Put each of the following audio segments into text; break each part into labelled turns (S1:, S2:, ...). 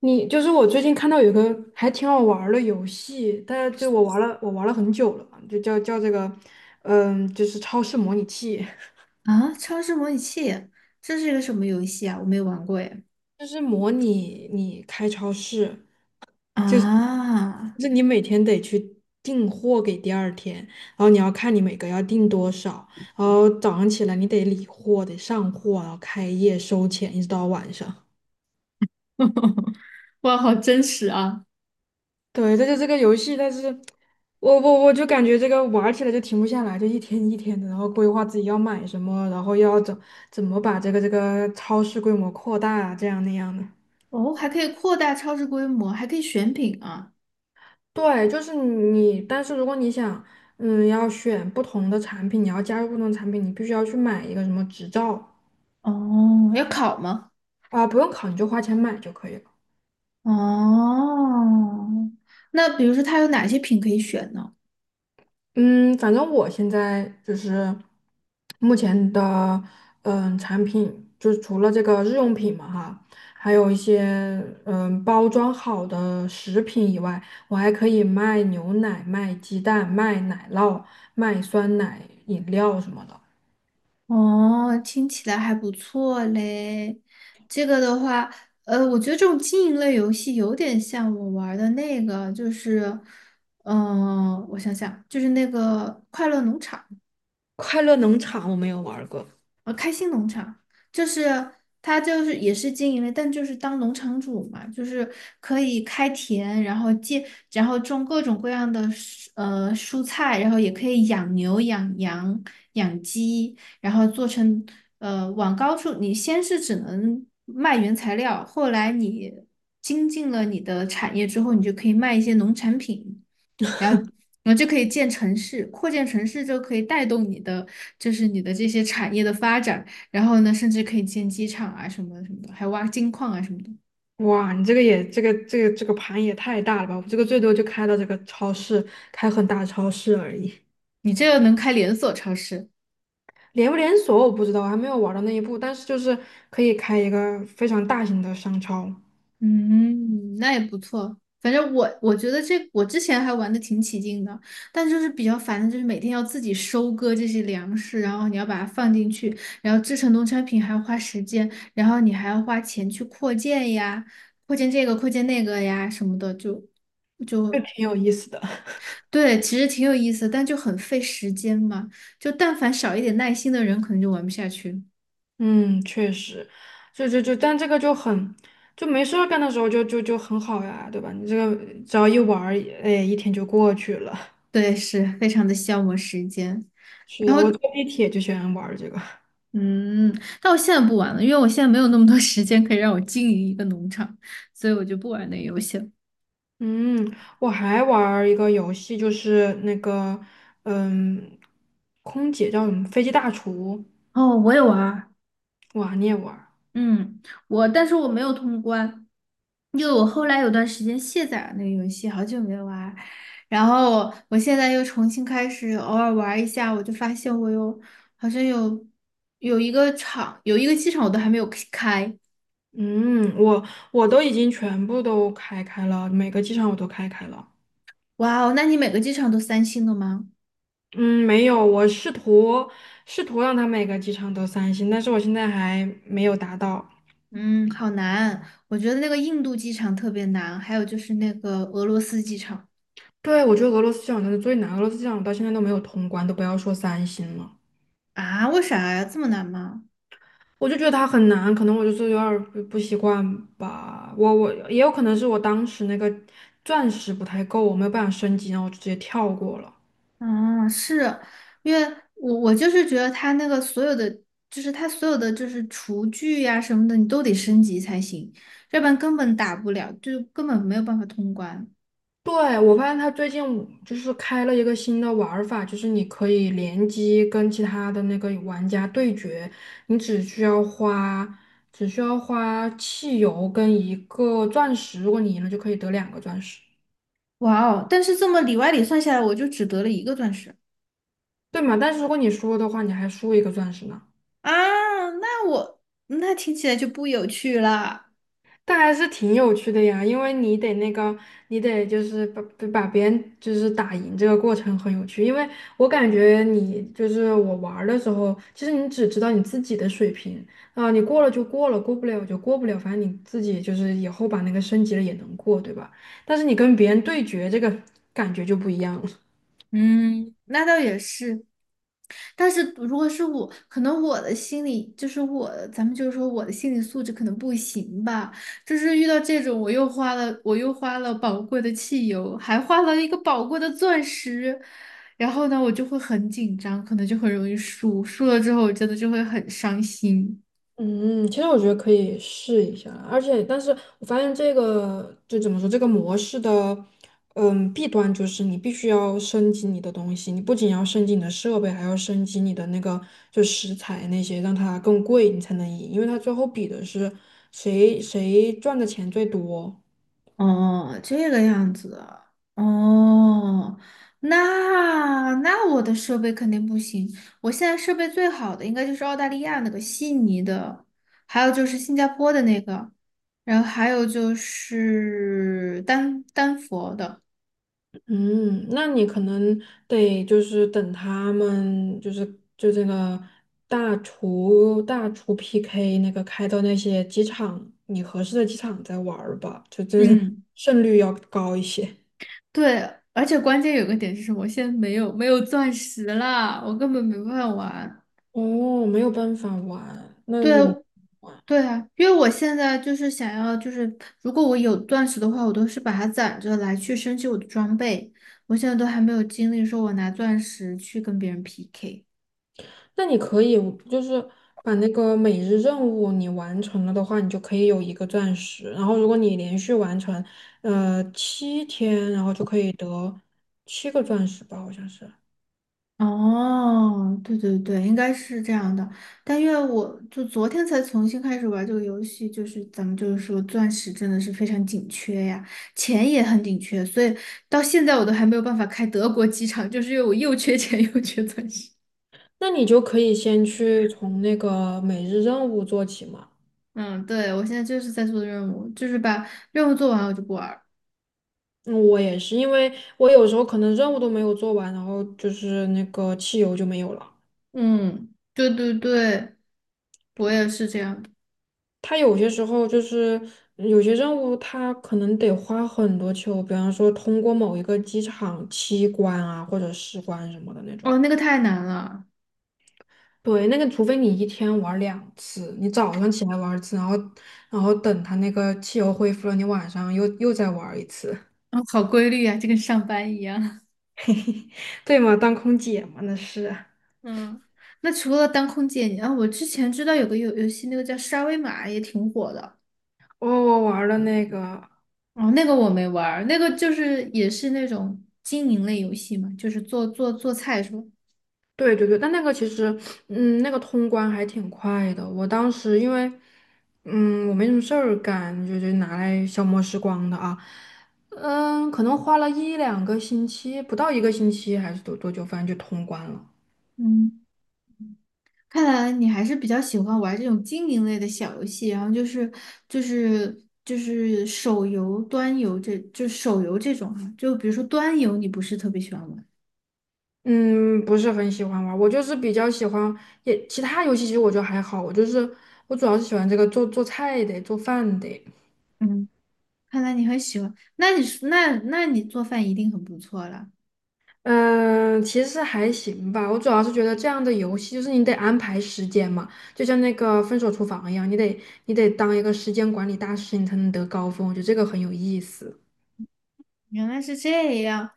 S1: 你就是我最近看到有个还挺好玩儿的游戏，但就我玩了，很久了，就叫这个，就是超市模拟器。
S2: 啊，超市模拟器，这是一个什么游戏啊？我没有玩过耶。
S1: 就是模拟你开超市，就是就
S2: 啊，
S1: 是你每天得去订货给第二天，然后你要看你每个要订多少，然后早上起来你得理货，得上货，然后开业收钱，一直到晚上。
S2: 哇，好真实啊！
S1: 对，这就这个游戏，但是我就感觉这个玩儿起来就停不下来，就一天一天的，然后规划自己要买什么，然后怎么把这个超市规模扩大啊，这样那样的。
S2: 哦，还可以扩大超市规模，还可以选品啊。
S1: 对，就是你，但是如果你想，要选不同的产品，你要加入不同的产品，你必须要去买一个什么执照。
S2: 哦，要考吗？
S1: 啊，不用考，你就花钱买就可以了。
S2: 哦，那比如说它有哪些品可以选呢？
S1: 嗯，反正我现在就是目前的产品，就是除了这个日用品嘛哈，还有一些包装好的食品以外，我还可以卖牛奶、卖鸡蛋、卖奶酪、卖酸奶饮料什么的。
S2: 哦，听起来还不错嘞。这个的话，我觉得这种经营类游戏有点像我玩儿的那个，就是，我想想，就是那个快乐农场。
S1: 快乐农场我没有玩儿过。
S2: 开心农场就是他就是也是经营类，但就是当农场主嘛，就是可以开田，然后建，然后种各种各样的蔬菜，然后也可以养牛、养羊、养鸡，然后做成往高处，你先是只能卖原材料，后来你精进了你的产业之后，你就可以卖一些农产品。然后然后就可以建城市，扩建城市就可以带动你的，就是你的这些产业的发展。然后呢，甚至可以建机场啊什么什么的，还挖金矿啊什么的。
S1: 哇，你这个也这个盘也太大了吧！我这个最多就开到这个超市，开很大的超市而已。
S2: 你这个能开连锁超市，
S1: 连不连锁我不知道，我还没有玩到那一步，但是就是可以开一个非常大型的商超，
S2: 嗯，那也不错。反正我觉得这我之前还玩的挺起劲的，但就是比较烦的就是每天要自己收割这些粮食，然后你要把它放进去，然后制成农产品还要花时间，然后你还要花钱去扩建呀，扩建这个扩建那个呀什么的，
S1: 就
S2: 就
S1: 挺有意思的。
S2: 对，其实挺有意思，但就很费时间嘛。就但凡少一点耐心的人，可能就玩不下去。
S1: 嗯，确实，就，但这个就很，就没事儿干的时候就很好呀，对吧？你这个只要一玩儿，哎，一天就过去了。
S2: 对，是非常的消磨时间。
S1: 是
S2: 然
S1: 的，我
S2: 后。
S1: 坐地铁就喜欢玩儿这个。
S2: 嗯，但我现在不玩了，因为我现在没有那么多 时间可以让我经营一个农场，所以我就不玩那个游戏了。
S1: 嗯，我还玩儿一个游戏，就是那个，嗯，空姐叫什么？飞机大厨。
S2: 哦，我也玩儿。
S1: 哇，你也玩儿？
S2: 嗯，但是我没有通关，因为我后来有段时间卸载了那个游戏，好久没玩儿。然后我现在又重新开始偶尔玩儿一下，我就发现我好像有有一个场，有一个机场我都还没有开。
S1: 嗯，我我都已经全部都开开了，每个机场我都开开了。
S2: 哇哦，那你每个机场都三星的吗？
S1: 嗯，没有，我试图试图让它每个机场都三星，但是我现在还没有达到。
S2: 嗯，好难。我觉得那个印度机场特别难，还有就是那个俄罗斯机场。
S1: 对，我觉得俄罗斯机场真的最难，俄罗斯机场我到现在都没有通关，都不要说三星了。
S2: 啊，为啥呀？这么难吗？
S1: 我就觉得它很难，可能我就是有点儿不习惯吧。我也有可能是我当时那个钻石不太够，我没有办法升级，然后我就直接跳过了。
S2: 啊，是因为我就是觉得它那个所有的，就是它所有的就是厨具呀、什么的，你都得升级才行，要不然根本打不了，就根本没有办法通关。
S1: 对，我发现他最近就是开了一个新的玩儿法，就是你可以联机跟其他的那个玩家对决，你只需要花只需要花汽油跟一个钻石，如果你赢了就可以得两个钻石，
S2: 哇哦！但是这么里外里算下来，我就只得了一个钻石。
S1: 对嘛？但是如果你输了的话，你还输一个钻石呢。
S2: 啊，那我那听起来就不有趣了。
S1: 但还是挺有趣的呀，因为你得那个，你得就是把别人就是打赢这个过程很有趣，因为我感觉你就是我玩儿的时候，其实你只知道你自己的水平，啊、你过了就过了，过不了就过不了，反正你自己就是以后把那个升级了也能过，对吧？但是你跟别人对决，这个感觉就不一样了。
S2: 嗯，那倒也是。但是如果是我，可能我的心理就是我，咱们就是说我的心理素质可能不行吧。就是遇到这种，我又花了，我又花了宝贵的汽油，还花了一个宝贵的钻石，然后呢，我就会很紧张，可能就很容易输。输了之后，我真的就会很伤心。
S1: 嗯，其实我觉得可以试一下，而且，但是我发现这个就怎么说，这个模式的，嗯，弊端就是你必须要升级你的东西，你不仅要升级你的设备，还要升级你的那个就食材那些，让它更贵，你才能赢，因为它最后比的是谁赚的钱最多。
S2: 哦，这个样子啊，哦，那我的设备肯定不行。我现在设备最好的应该就是澳大利亚那个悉尼的，还有就是新加坡的那个，然后还有就是丹佛的。
S1: 嗯，那你可能得就是等他们就是就这个大厨 PK 那个开到那些机场，你合适的机场再玩儿吧，就就是
S2: 嗯，
S1: 胜率要高一些。
S2: 对，而且关键有个点是什么？我现在没有没有钻石啦，我根本没办法玩。
S1: 哦，没有办法玩，
S2: 对，
S1: 那就
S2: 对啊，因为我现在就是想要，就是如果我有钻石的话，我都是把它攒着来去升级我的装备。我现在都还没有精力说我拿钻石去跟别人 PK。
S1: 那你可以就是把那个每日任务你完成了的话，你就可以有一个钻石。然后如果你连续完成七天，然后就可以得七个钻石吧，好像是。
S2: 哦，对对对，应该是这样的。但因为我就昨天才重新开始玩这个游戏，就是咱们就是说钻石真的是非常紧缺呀，钱也很紧缺，所以到现在我都还没有办法开德国机场，就是因为我又缺钱又缺钻石。
S1: 那你就可以先去从那个每日任务做起嘛。
S2: 嗯，对，我现在就是在做任务，就是把任务做完我就不玩儿。
S1: 嗯，我也是，因为我有时候可能任务都没有做完，然后就是那个汽油就没有了。
S2: 嗯，对对对，我也是这样的。
S1: 它有些时候就是有些任务，它可能得花很多汽油，比方说通过某一个机场七关啊，或者十关什么的那种。
S2: 哦，那个太难了。
S1: 对，那个除非你一天玩两次，你早上起来玩一次，然后然后等它那个汽油恢复了，你晚上又再玩一次。
S2: 哦，好规律啊，就跟上班一样。
S1: 对吗？当空姐嘛，那是。
S2: 嗯，那除了当空姐，你啊，我之前知道有个游戏，那个叫沙威玛，也挺火的。
S1: 我玩了那个，
S2: 哦，那个我没玩儿那个就是也是那种经营类游戏嘛，就是做菜是吧？
S1: 对对对，但那个其实，嗯，那个通关还挺快的。我当时因为，嗯，我没什么事儿干，就拿来消磨时光的啊。嗯，可能花了一两个星期，不到一个星期还是多久，反正就通关了。
S2: 嗯。看来你还是比较喜欢玩这种经营类的小游戏，然后就是就是手游、端游这就手游这种哈，就比如说端游，你不是特别喜欢玩，
S1: 嗯，不是很喜欢玩儿，我就是比较喜欢，也其他游戏其实我觉得还好，我就是我主要是喜欢这个做菜的，做饭的。
S2: 嗯，看来你很喜欢，那你做饭一定很不错了，
S1: 嗯，其实还行吧。我主要是觉得这样的游戏，就是你得安排时间嘛，就像那个《分手厨房》一样，你得当一个时间管理大师，你才能得高分。我觉得这个很有意思。
S2: 原来是这样。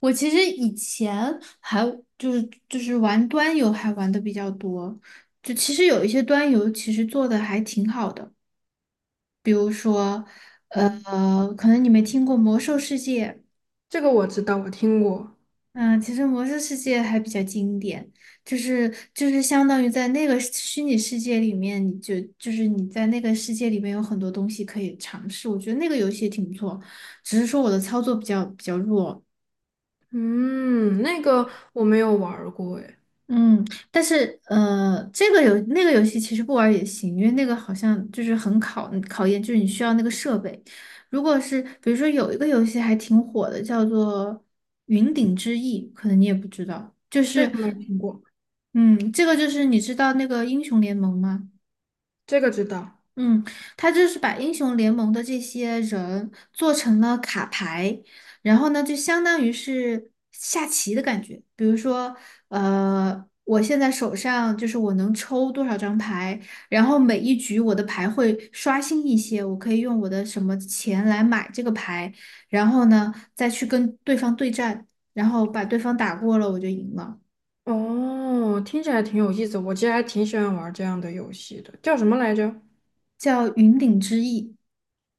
S2: 我其实以前还就是就是玩端游还玩的比较多，就其实有一些端游其实做的还挺好的，呃，
S1: 嗯，
S2: 可能你没听过《魔兽世界》。
S1: 这个我知道，我听过。
S2: 嗯，其实《魔兽世界》还比较经典，就是相当于在那个虚拟世界里面，你就就是你在那个世界里面有很多东西可以尝试，我觉得那个游戏也挺不错，只是说我的操作比较弱。
S1: 嗯，那个我没有玩儿过，哎，
S2: 嗯，但是这个游那个游戏其实不玩儿也行，因为那个好像就是很考验，就是你需要那个设备。如果是比如说有一个游戏还挺火的，叫做《云顶之弈》，可能你也不知道，就
S1: 这
S2: 是。
S1: 个没听过，
S2: 嗯，这个就是你知道那个英雄联盟吗？
S1: 这个知道。
S2: 嗯，他就是把英雄联盟的这些人做成了卡牌，然后呢，就相当于是下棋的感觉。比如说，我现在手上就是我能抽多少张牌，然后每一局我的牌会刷新一些，我可以用我的什么钱来买这个牌，然后呢，再去跟对方对战，然后把对方打过了，我就赢了。
S1: 哦，听起来挺有意思，我其实还挺喜欢玩这样的游戏的，叫什么来着？
S2: 叫云顶之弈。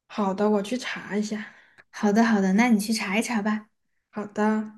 S1: 好的，我去查一下。
S2: 好的，好的，那你去查一查吧。
S1: 好的。